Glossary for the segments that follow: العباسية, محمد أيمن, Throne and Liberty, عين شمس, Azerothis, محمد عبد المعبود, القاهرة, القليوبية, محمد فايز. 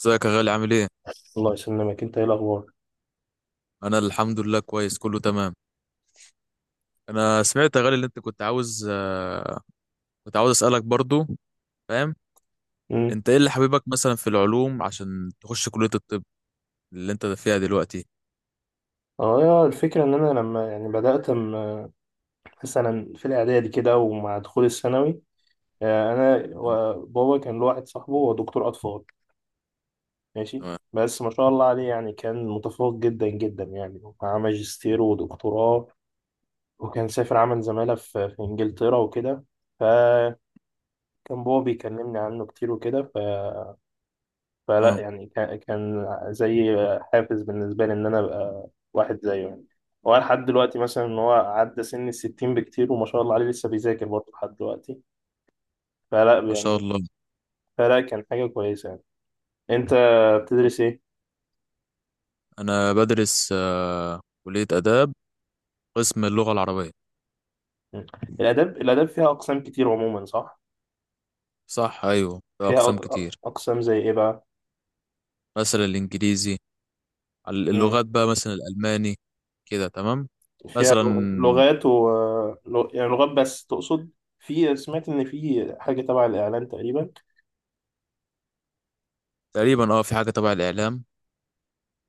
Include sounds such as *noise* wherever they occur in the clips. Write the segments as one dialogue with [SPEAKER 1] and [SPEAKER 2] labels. [SPEAKER 1] ازيك يا غالي، عامل ايه؟
[SPEAKER 2] الله يسلمك، انت ايه الاخبار؟
[SPEAKER 1] انا الحمد لله كويس، كله تمام. انا سمعت يا غالي اللي انت كنت عاوز، كنت عاوز اسالك برضو. فاهم؟
[SPEAKER 2] امم.
[SPEAKER 1] انت ايه اللي حبيبك مثلا في العلوم عشان تخش كلية الطب اللي انت فيها دلوقتي؟
[SPEAKER 2] اه، يا الفكره ان انا لما يعني بدات مثلا في الاعدادي كده ومع دخول الثانوي. بابا كان له واحد صاحبه هو دكتور اطفال. ماشي.
[SPEAKER 1] اه.
[SPEAKER 2] بس ما شاء الله عليه يعني كان متفوق جدا جدا يعني، ومعاه ماجستير ودكتوراه، وكان سافر عمل زماله في انجلترا وكده. فكان بابا بيكلمني عنه كتير وكده. فلا
[SPEAKER 1] آه.
[SPEAKER 2] يعني كان زي حافز بالنسبة لي إن أنا أبقى واحد زيه يعني. هو لحد دلوقتي مثلا إن هو عدى سن الـ60 بكتير، وما شاء الله عليه لسه بيذاكر برضه لحد دلوقتي. فلا
[SPEAKER 1] ما شاء
[SPEAKER 2] يعني،
[SPEAKER 1] الله.
[SPEAKER 2] فلا كان حاجة كويسة يعني. أنت
[SPEAKER 1] طب،
[SPEAKER 2] بتدرس إيه؟
[SPEAKER 1] انا بدرس كلية آداب، قسم اللغة العربية.
[SPEAKER 2] مم. الآداب فيها أقسام كتير عموما صح؟
[SPEAKER 1] صح، ايوه في
[SPEAKER 2] فيها
[SPEAKER 1] اقسام كتير.
[SPEAKER 2] أقسام زي إيه بقى؟
[SPEAKER 1] مثلا الانجليزي،
[SPEAKER 2] مم.
[SPEAKER 1] اللغات بقى، مثلا الالماني. كده تمام.
[SPEAKER 2] فيها
[SPEAKER 1] مثلا.
[SPEAKER 2] لغات و يعني لغات بس تقصد؟ في سمعت إن في حاجة تبع الإعلان تقريبا.
[SPEAKER 1] تقريبا اه في حاجة تبع الاعلام،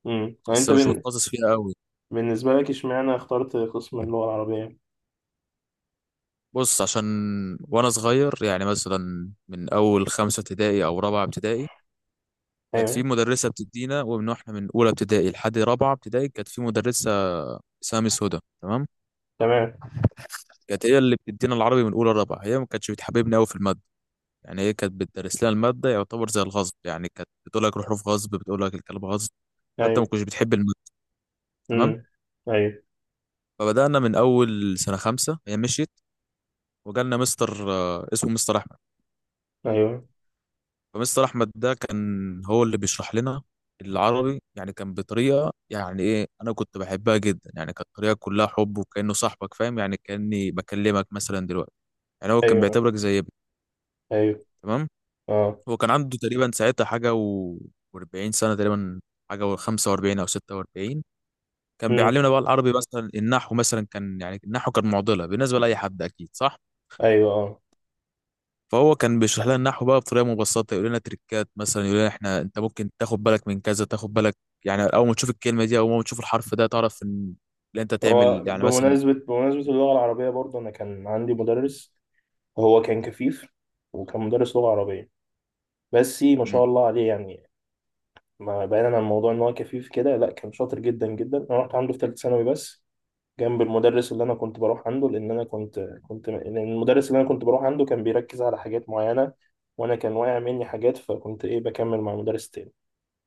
[SPEAKER 2] مم. يعني
[SPEAKER 1] بس
[SPEAKER 2] أنت
[SPEAKER 1] مش متخصص فيها قوي.
[SPEAKER 2] بالنسبة لك اشمعنى اخترت قسم اللغة العربية؟
[SPEAKER 1] بص، عشان وانا صغير يعني مثلا من اول خمسة ابتدائي او رابعة ابتدائي، كانت في
[SPEAKER 2] ايوه.
[SPEAKER 1] مدرسة بتدينا، ومن واحنا من اولى ابتدائي لحد رابعة ابتدائي كانت في مدرسة اسمها ميس هدى، تمام.
[SPEAKER 2] تمام.
[SPEAKER 1] كانت هي اللي بتدينا العربي من اولى لرابعة، هي ما كانتش بتحببنا قوي في المادة. يعني هي كانت بتدرس لنا المادة يعتبر زي الغصب، يعني كانت بتقول لك الحروف غصب، بتقول لك الكلام غصب. فانت ما
[SPEAKER 2] ايوه.
[SPEAKER 1] كنتش بتحب المادة، تمام.
[SPEAKER 2] امم. ايوه.
[SPEAKER 1] فبدأنا من اول سنة خمسة هي مشيت، وجالنا مستر اسمه مستر احمد.
[SPEAKER 2] ايوه.
[SPEAKER 1] فمستر احمد ده كان هو اللي بيشرح لنا العربي، يعني كان بطريقه يعني ايه، انا كنت بحبها جدا، يعني كانت طريقه كلها حب، وكانه صاحبك، فاهم؟ يعني كاني بكلمك مثلا دلوقتي. يعني هو كان
[SPEAKER 2] ايوه.
[SPEAKER 1] بيعتبرك زي ابني،
[SPEAKER 2] ايوه.
[SPEAKER 1] تمام.
[SPEAKER 2] اه.
[SPEAKER 1] هو كان عنده تقريبا ساعتها حاجه و40 سنه تقريبا، حاجه و45 او 46. كان
[SPEAKER 2] امم.
[SPEAKER 1] بيعلمنا بقى العربي مثلا النحو. مثلا كان يعني النحو كان معضله بالنسبه لاي حد اكيد، صح؟
[SPEAKER 2] ايوه. اه.
[SPEAKER 1] فهو كان بيشرح لنا النحو بقى بطريقه مبسطه، يقول لنا تريكات، مثلا يقول لنا احنا انت ممكن تاخد بالك من كذا، تاخد بالك يعني اول ما تشوف الكلمه دي او اول ما تشوف الحرف ده تعرف ان اللي انت
[SPEAKER 2] هو
[SPEAKER 1] تعمل يعني مثلا.
[SPEAKER 2] بمناسبة اللغة العربية برضه انا كان عندي مدرس. هو كان كفيف، وكان مدرس لغة عربية. بس ما
[SPEAKER 1] مم.
[SPEAKER 2] شاء الله عليه يعني، ما بعيدا عن موضوع ان هو كفيف كده لا كان شاطر جدا جدا. انا رحت عنده في ثالثة ثانوي بس، جنب المدرس اللي انا كنت بروح عنده، لان انا كنت لأن المدرس اللي انا كنت بروح عنده كان بيركز على حاجات معينه، وانا كان واقع مني حاجات فكنت ايه بكمل مع مدرس تاني.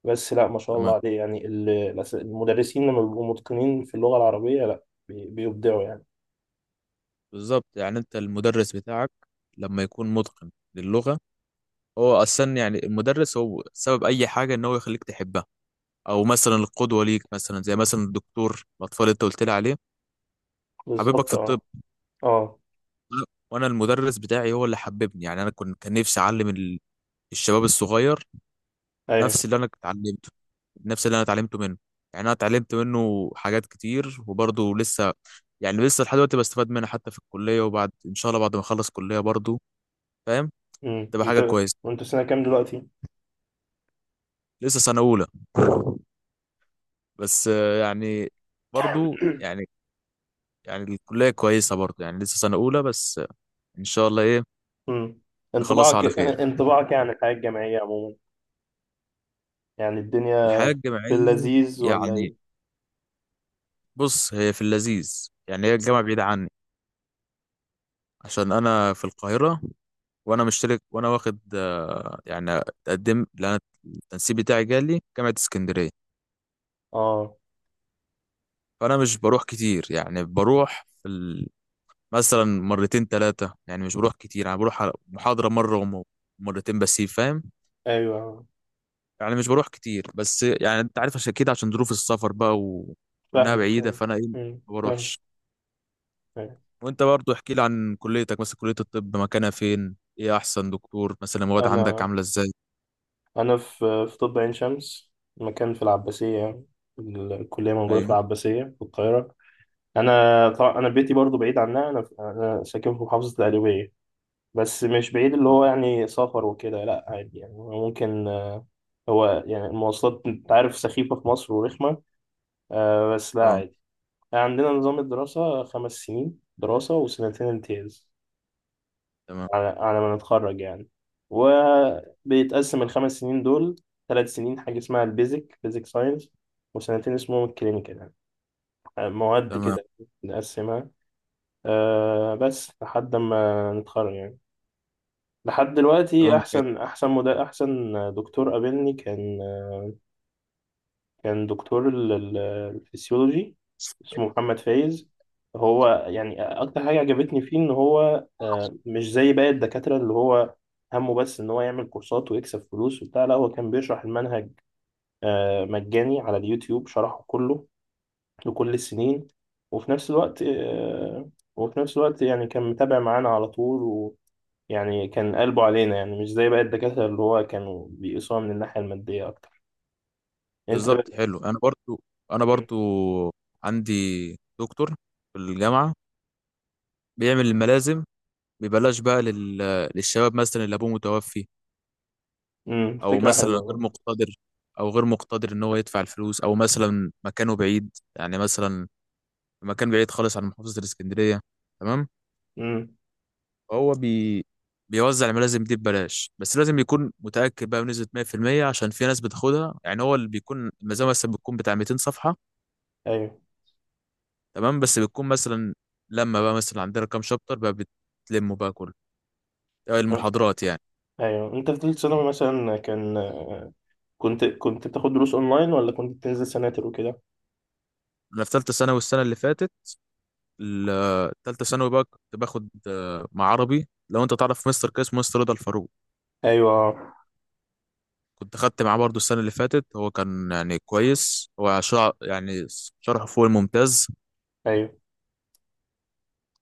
[SPEAKER 2] بس لا ما شاء
[SPEAKER 1] تمام.
[SPEAKER 2] الله عليه يعني، المدرسين لما بيبقوا متقنين في اللغه العربيه لا بيبدعوا يعني.
[SPEAKER 1] بالظبط، يعني انت المدرس بتاعك لما يكون متقن للغه، هو اصلا يعني المدرس هو سبب اي حاجه ان هو يخليك تحبها، او مثلا القدوه ليك، مثلا زي مثلا الدكتور الاطفال اللي انت قلت لي عليه، حبيبك
[SPEAKER 2] بالظبط.
[SPEAKER 1] في الطب.
[SPEAKER 2] اه. اه.
[SPEAKER 1] وانا المدرس بتاعي هو اللي حببني، يعني انا كنت كان نفسي اعلم الشباب الصغير
[SPEAKER 2] ايوه.
[SPEAKER 1] نفس اللي انا اتعلمته، نفس اللي انا اتعلمته منه. يعني انا اتعلمت منه حاجات كتير، وبرضه لسه يعني لسه لحد دلوقتي بستفاد منها حتى في الكلية، وبعد ان شاء الله بعد ما اخلص كلية برضه، فاهم؟
[SPEAKER 2] امم.
[SPEAKER 1] تبقى حاجة كويسة.
[SPEAKER 2] وانت في سنه كام دلوقتي؟
[SPEAKER 1] لسه سنة اولى، بس يعني برضه يعني، يعني الكلية كويسة برضه، يعني لسه سنة اولى بس ان شاء الله ايه
[SPEAKER 2] امم،
[SPEAKER 1] نخلصها
[SPEAKER 2] انطباعك
[SPEAKER 1] على خير.
[SPEAKER 2] *laughs* انطباعك يعني الحياه الجامعيه عموما، يعني الدنيا،
[SPEAKER 1] الحياة
[SPEAKER 2] في
[SPEAKER 1] الجامعية
[SPEAKER 2] اللذيذ ولا
[SPEAKER 1] يعني،
[SPEAKER 2] ايه؟
[SPEAKER 1] بص هي في اللذيذ، يعني هي الجامعة بعيدة عني عشان انا في القاهرة، وانا مشترك وانا واخد يعني اتقدم لأن التنسيق بتاعي جالي جامعة اسكندرية.
[SPEAKER 2] اه.
[SPEAKER 1] فأنا مش بروح كتير، يعني بروح في ال... مثلا مرتين ثلاثة، يعني مش بروح كتير، يعني بروح على محاضرة مرة ومرتين بس، فاهم؟
[SPEAKER 2] ايوه.
[SPEAKER 1] يعني مش بروح كتير، بس يعني أنت عارف، عشان كده عشان ظروف السفر بقى و... وإنها
[SPEAKER 2] فاهمك،
[SPEAKER 1] بعيدة،
[SPEAKER 2] فاهمك.
[SPEAKER 1] فأنا إيه ما
[SPEAKER 2] امم، فاهمك.
[SPEAKER 1] بروحش.
[SPEAKER 2] أيوه.
[SPEAKER 1] وأنت برضو احكي لي عن كليتك، مثلا كلية الطب مكانها فين، إيه أحسن دكتور، مثلا المواد عندك
[SPEAKER 2] انا،
[SPEAKER 1] عاملة إزاي؟
[SPEAKER 2] انا في طب عين شمس. مكان في العباسيه يعني الكليه موجوده في
[SPEAKER 1] أيوه.
[SPEAKER 2] العباسيه في القاهره. انا طبعا انا بيتي برضو بعيد عنها. انا ساكن في محافظه القليوبيه، بس مش بعيد. اللي
[SPEAKER 1] أه.
[SPEAKER 2] هو يعني سفر وكده لا عادي يعني، هو ممكن هو يعني المواصلات انت عارف سخيفه في مصر ورخمه. بس لا
[SPEAKER 1] آه.
[SPEAKER 2] عادي. عندنا نظام الدراسه 5 سنين دراسه وسنتين امتياز
[SPEAKER 1] تمام.
[SPEAKER 2] على ما نتخرج يعني. وبيتقسم الخمس سنين دول 3 سنين حاجة اسمها البيزك بيزك ساينس، وسنتين اسمهم الكلينيكال يعني، مواد
[SPEAKER 1] تمام.
[SPEAKER 2] كده نقسمها. بس لحد ما نتخرج يعني. لحد دلوقتي
[SPEAKER 1] تمام.
[SPEAKER 2] أحسن دكتور قابلني كان كان دكتور الفسيولوجي، اسمه محمد فايز. هو يعني اكتر حاجه عجبتني فيه ان هو مش زي باقي الدكاتره اللي هو همه بس ان هو يعمل كورسات ويكسب فلوس وبتاع. لا هو كان بيشرح المنهج مجاني على اليوتيوب، شرحه كله لكل السنين. وفي نفس الوقت آه، وفي نفس الوقت يعني كان متابع معانا على طول، ويعني كان قلبه علينا يعني، مش زي باقي الدكاتره اللي هو كانوا بيقيسوها من الناحيه الماديه اكتر. انت
[SPEAKER 1] بالظبط،
[SPEAKER 2] بقى-
[SPEAKER 1] حلو. انا برضو عندي دكتور في الجامعه بيعمل الملازم ببلاش بقى لل... للشباب، مثلا اللي ابوه متوفي،
[SPEAKER 2] مم،
[SPEAKER 1] او
[SPEAKER 2] فكره
[SPEAKER 1] مثلا غير
[SPEAKER 2] حلوه.
[SPEAKER 1] مقتدر، او غير مقتدر ان هو يدفع الفلوس، او مثلا مكانه بعيد، يعني مثلا في مكان بعيد خالص عن محافظه الاسكندريه، تمام.
[SPEAKER 2] امم.
[SPEAKER 1] فهو بي... بيوزع الملازم دي ببلاش، بس لازم يكون متاكد بقى بنسبه 100%، عشان في ناس بتاخدها. يعني هو اللي بيكون المزامه مثلا بتكون بتاع 200 صفحه،
[SPEAKER 2] ايوه.
[SPEAKER 1] تمام. بس بتكون مثلا لما بقى مثلا عندنا كام شابتر بقى بتلموا بقى كله،
[SPEAKER 2] أه.
[SPEAKER 1] المحاضرات يعني.
[SPEAKER 2] ايوه، انت في ثالث ثانوي مثلا كان كنت بتاخد دروس اونلاين ولا كنت بتنزل سناتر وكده؟
[SPEAKER 1] انا في ثالثه ثانوي السنه اللي فاتت، ثالثه ثانوي بقى كنت باخد مع عربي، لو انت تعرف مستر كاس، مستر رضا الفاروق.
[SPEAKER 2] ايوه. أه.
[SPEAKER 1] كنت خدت معاه برضو السنه اللي فاتت، هو كان يعني كويس، هو شرح يعني شرحه فوق الممتاز.
[SPEAKER 2] ايوه.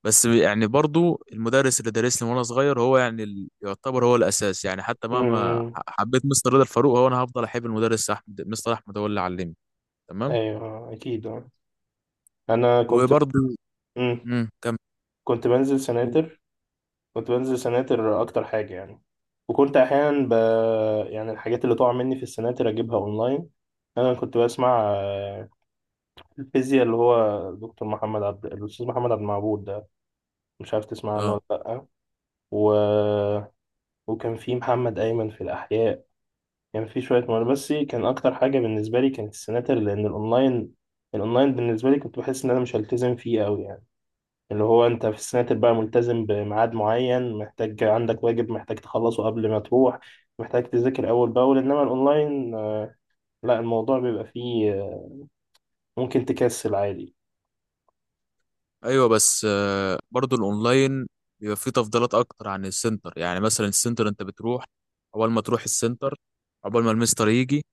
[SPEAKER 1] بس يعني برضو المدرس اللي دارسني وانا صغير هو يعني يعتبر هو الاساس، يعني حتى مهما
[SPEAKER 2] امم.
[SPEAKER 1] حبيت مستر رضا الفاروق، هو انا هفضل احب المدرس احمد، مستر احمد هو اللي علمني. تمام.
[SPEAKER 2] ايوه. أه. اكيد. آه. انا كنت
[SPEAKER 1] وبرضه
[SPEAKER 2] امم
[SPEAKER 1] كم.
[SPEAKER 2] كنت بنزل سناتر كنت بنزل سناتر اكتر حاجه يعني. وكنت احيانا يعني الحاجات اللي تقع مني في السناتر اجيبها اونلاين. انا كنت بسمع الفيزياء اللي هو دكتور محمد عبد الاستاذ محمد عبد المعبود ده. مش عارف تسمع عنه
[SPEAKER 1] اه.
[SPEAKER 2] ولا لا؟ و... وكان في محمد أيمن في الأحياء. كان في شوية مواضيع، بس كان أكتر حاجة بالنسبة لي كانت السناتر، لأن الأونلاين بالنسبة لي كنت بحس إن أنا مش هلتزم فيه أوي يعني. اللي هو أنت في السناتر بقى ملتزم بميعاد معين، محتاج عندك واجب محتاج تخلصه قبل ما تروح، محتاج تذاكر أول بأول. إنما الأونلاين لا الموضوع بيبقى فيه ممكن تكسل عادي.
[SPEAKER 1] ايوه بس برضه الاونلاين بيبقى فيه تفضيلات اكتر عن السنتر، يعني مثلا السنتر انت بتروح، اول ما تروح السنتر عقبال ما المستر يجي،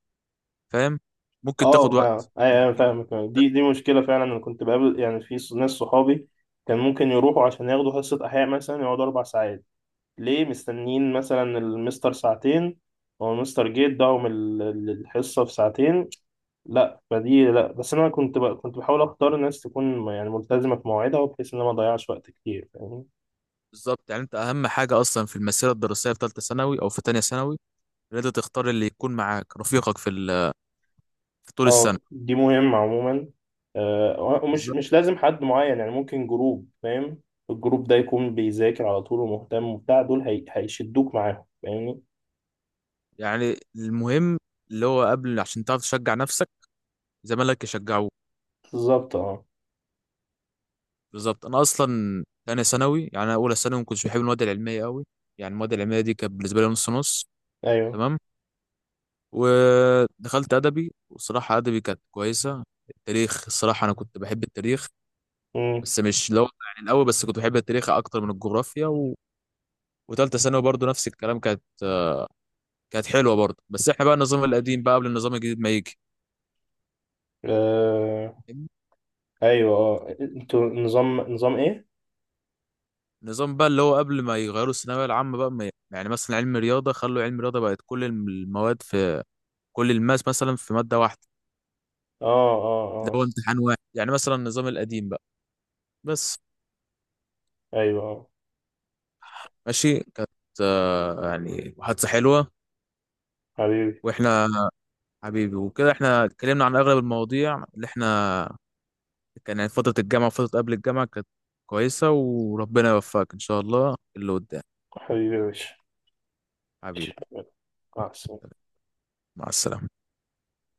[SPEAKER 1] فاهم؟ ممكن
[SPEAKER 2] اه،
[SPEAKER 1] تاخد
[SPEAKER 2] ما
[SPEAKER 1] وقت،
[SPEAKER 2] أي- أنا
[SPEAKER 1] ممكن.
[SPEAKER 2] فاهمك. دي مشكلة فعلا. أنا كنت بقابل يعني في ناس صحابي كان ممكن يروحوا عشان ياخدوا حصة أحياء مثلا يقعدوا 4 ساعات، ليه مستنيين مثلا المستر ساعتين. هو المستر جه اداهم الحصة في ساعتين. لا فدي لا بس انا كنت كنت بحاول اختار ناس تكون يعني ملتزمة في مواعيدها، وبحيث ان انا ما اضيعش وقت كتير فاهمني.
[SPEAKER 1] بالظبط، يعني انت اهم حاجه اصلا في المسيره الدراسيه في ثالثه ثانوي او في ثانيه ثانوي ان انت تختار اللي يكون معاك رفيقك في في طول السنه.
[SPEAKER 2] اه، دي مهمة عموما. ومش
[SPEAKER 1] بالظبط،
[SPEAKER 2] مش لازم حد معين يعني، ممكن جروب فاهم. الجروب ده يكون بيذاكر على طول ومهتم وبتاع، دول هيشدوك معاهم فاهمني.
[SPEAKER 1] يعني المهم اللي هو قبل، عشان تعرف تشجع نفسك زمالك يشجعوك.
[SPEAKER 2] بالظبط. اه.
[SPEAKER 1] بالظبط. انا اصلا تانية ثانوي، يعني انا اولى ثانوي ما كنتش بحب المواد العلميه قوي، يعني المواد العلميه دي كانت بالنسبه لي نص نص،
[SPEAKER 2] ايوه.
[SPEAKER 1] تمام. ودخلت ادبي، وصراحه ادبي كانت كويسه. التاريخ، الصراحه انا كنت بحب التاريخ،
[SPEAKER 2] امم.
[SPEAKER 1] بس مش لو يعني الاول، بس كنت بحب التاريخ اكتر من الجغرافيا و... وتالتة ثانوي برضو نفس الكلام، كانت حلوه برضو، بس احنا بقى النظام القديم بقى قبل النظام الجديد ما يجي،
[SPEAKER 2] آه...
[SPEAKER 1] فاهمني؟
[SPEAKER 2] ايوه. اه، انتوا نظام ايه؟
[SPEAKER 1] النظام بقى اللي هو قبل ما يغيروا الثانويه العامه بقى ما يعني مثلا علم رياضه، خلوا علم رياضه بقت كل المواد في كل الماس مثلا في ماده واحده.
[SPEAKER 2] اه. اه.
[SPEAKER 1] ده هو
[SPEAKER 2] اه.
[SPEAKER 1] امتحان واحد، يعني مثلا النظام القديم بقى بس.
[SPEAKER 2] ايوه. آه.
[SPEAKER 1] ماشي، كانت يعني محادثة حلوة.
[SPEAKER 2] حبيبي،
[SPEAKER 1] واحنا حبيبي وكده، احنا اتكلمنا عن اغلب المواضيع اللي احنا، كان يعني فترة الجامعة وفترة قبل الجامعة كانت كويسة، وربنا يوفقك ان شاء الله اللي قدام.
[SPEAKER 2] حبيبي يا باشا.
[SPEAKER 1] حبيبي.
[SPEAKER 2] مع السلامة
[SPEAKER 1] مع السلامة.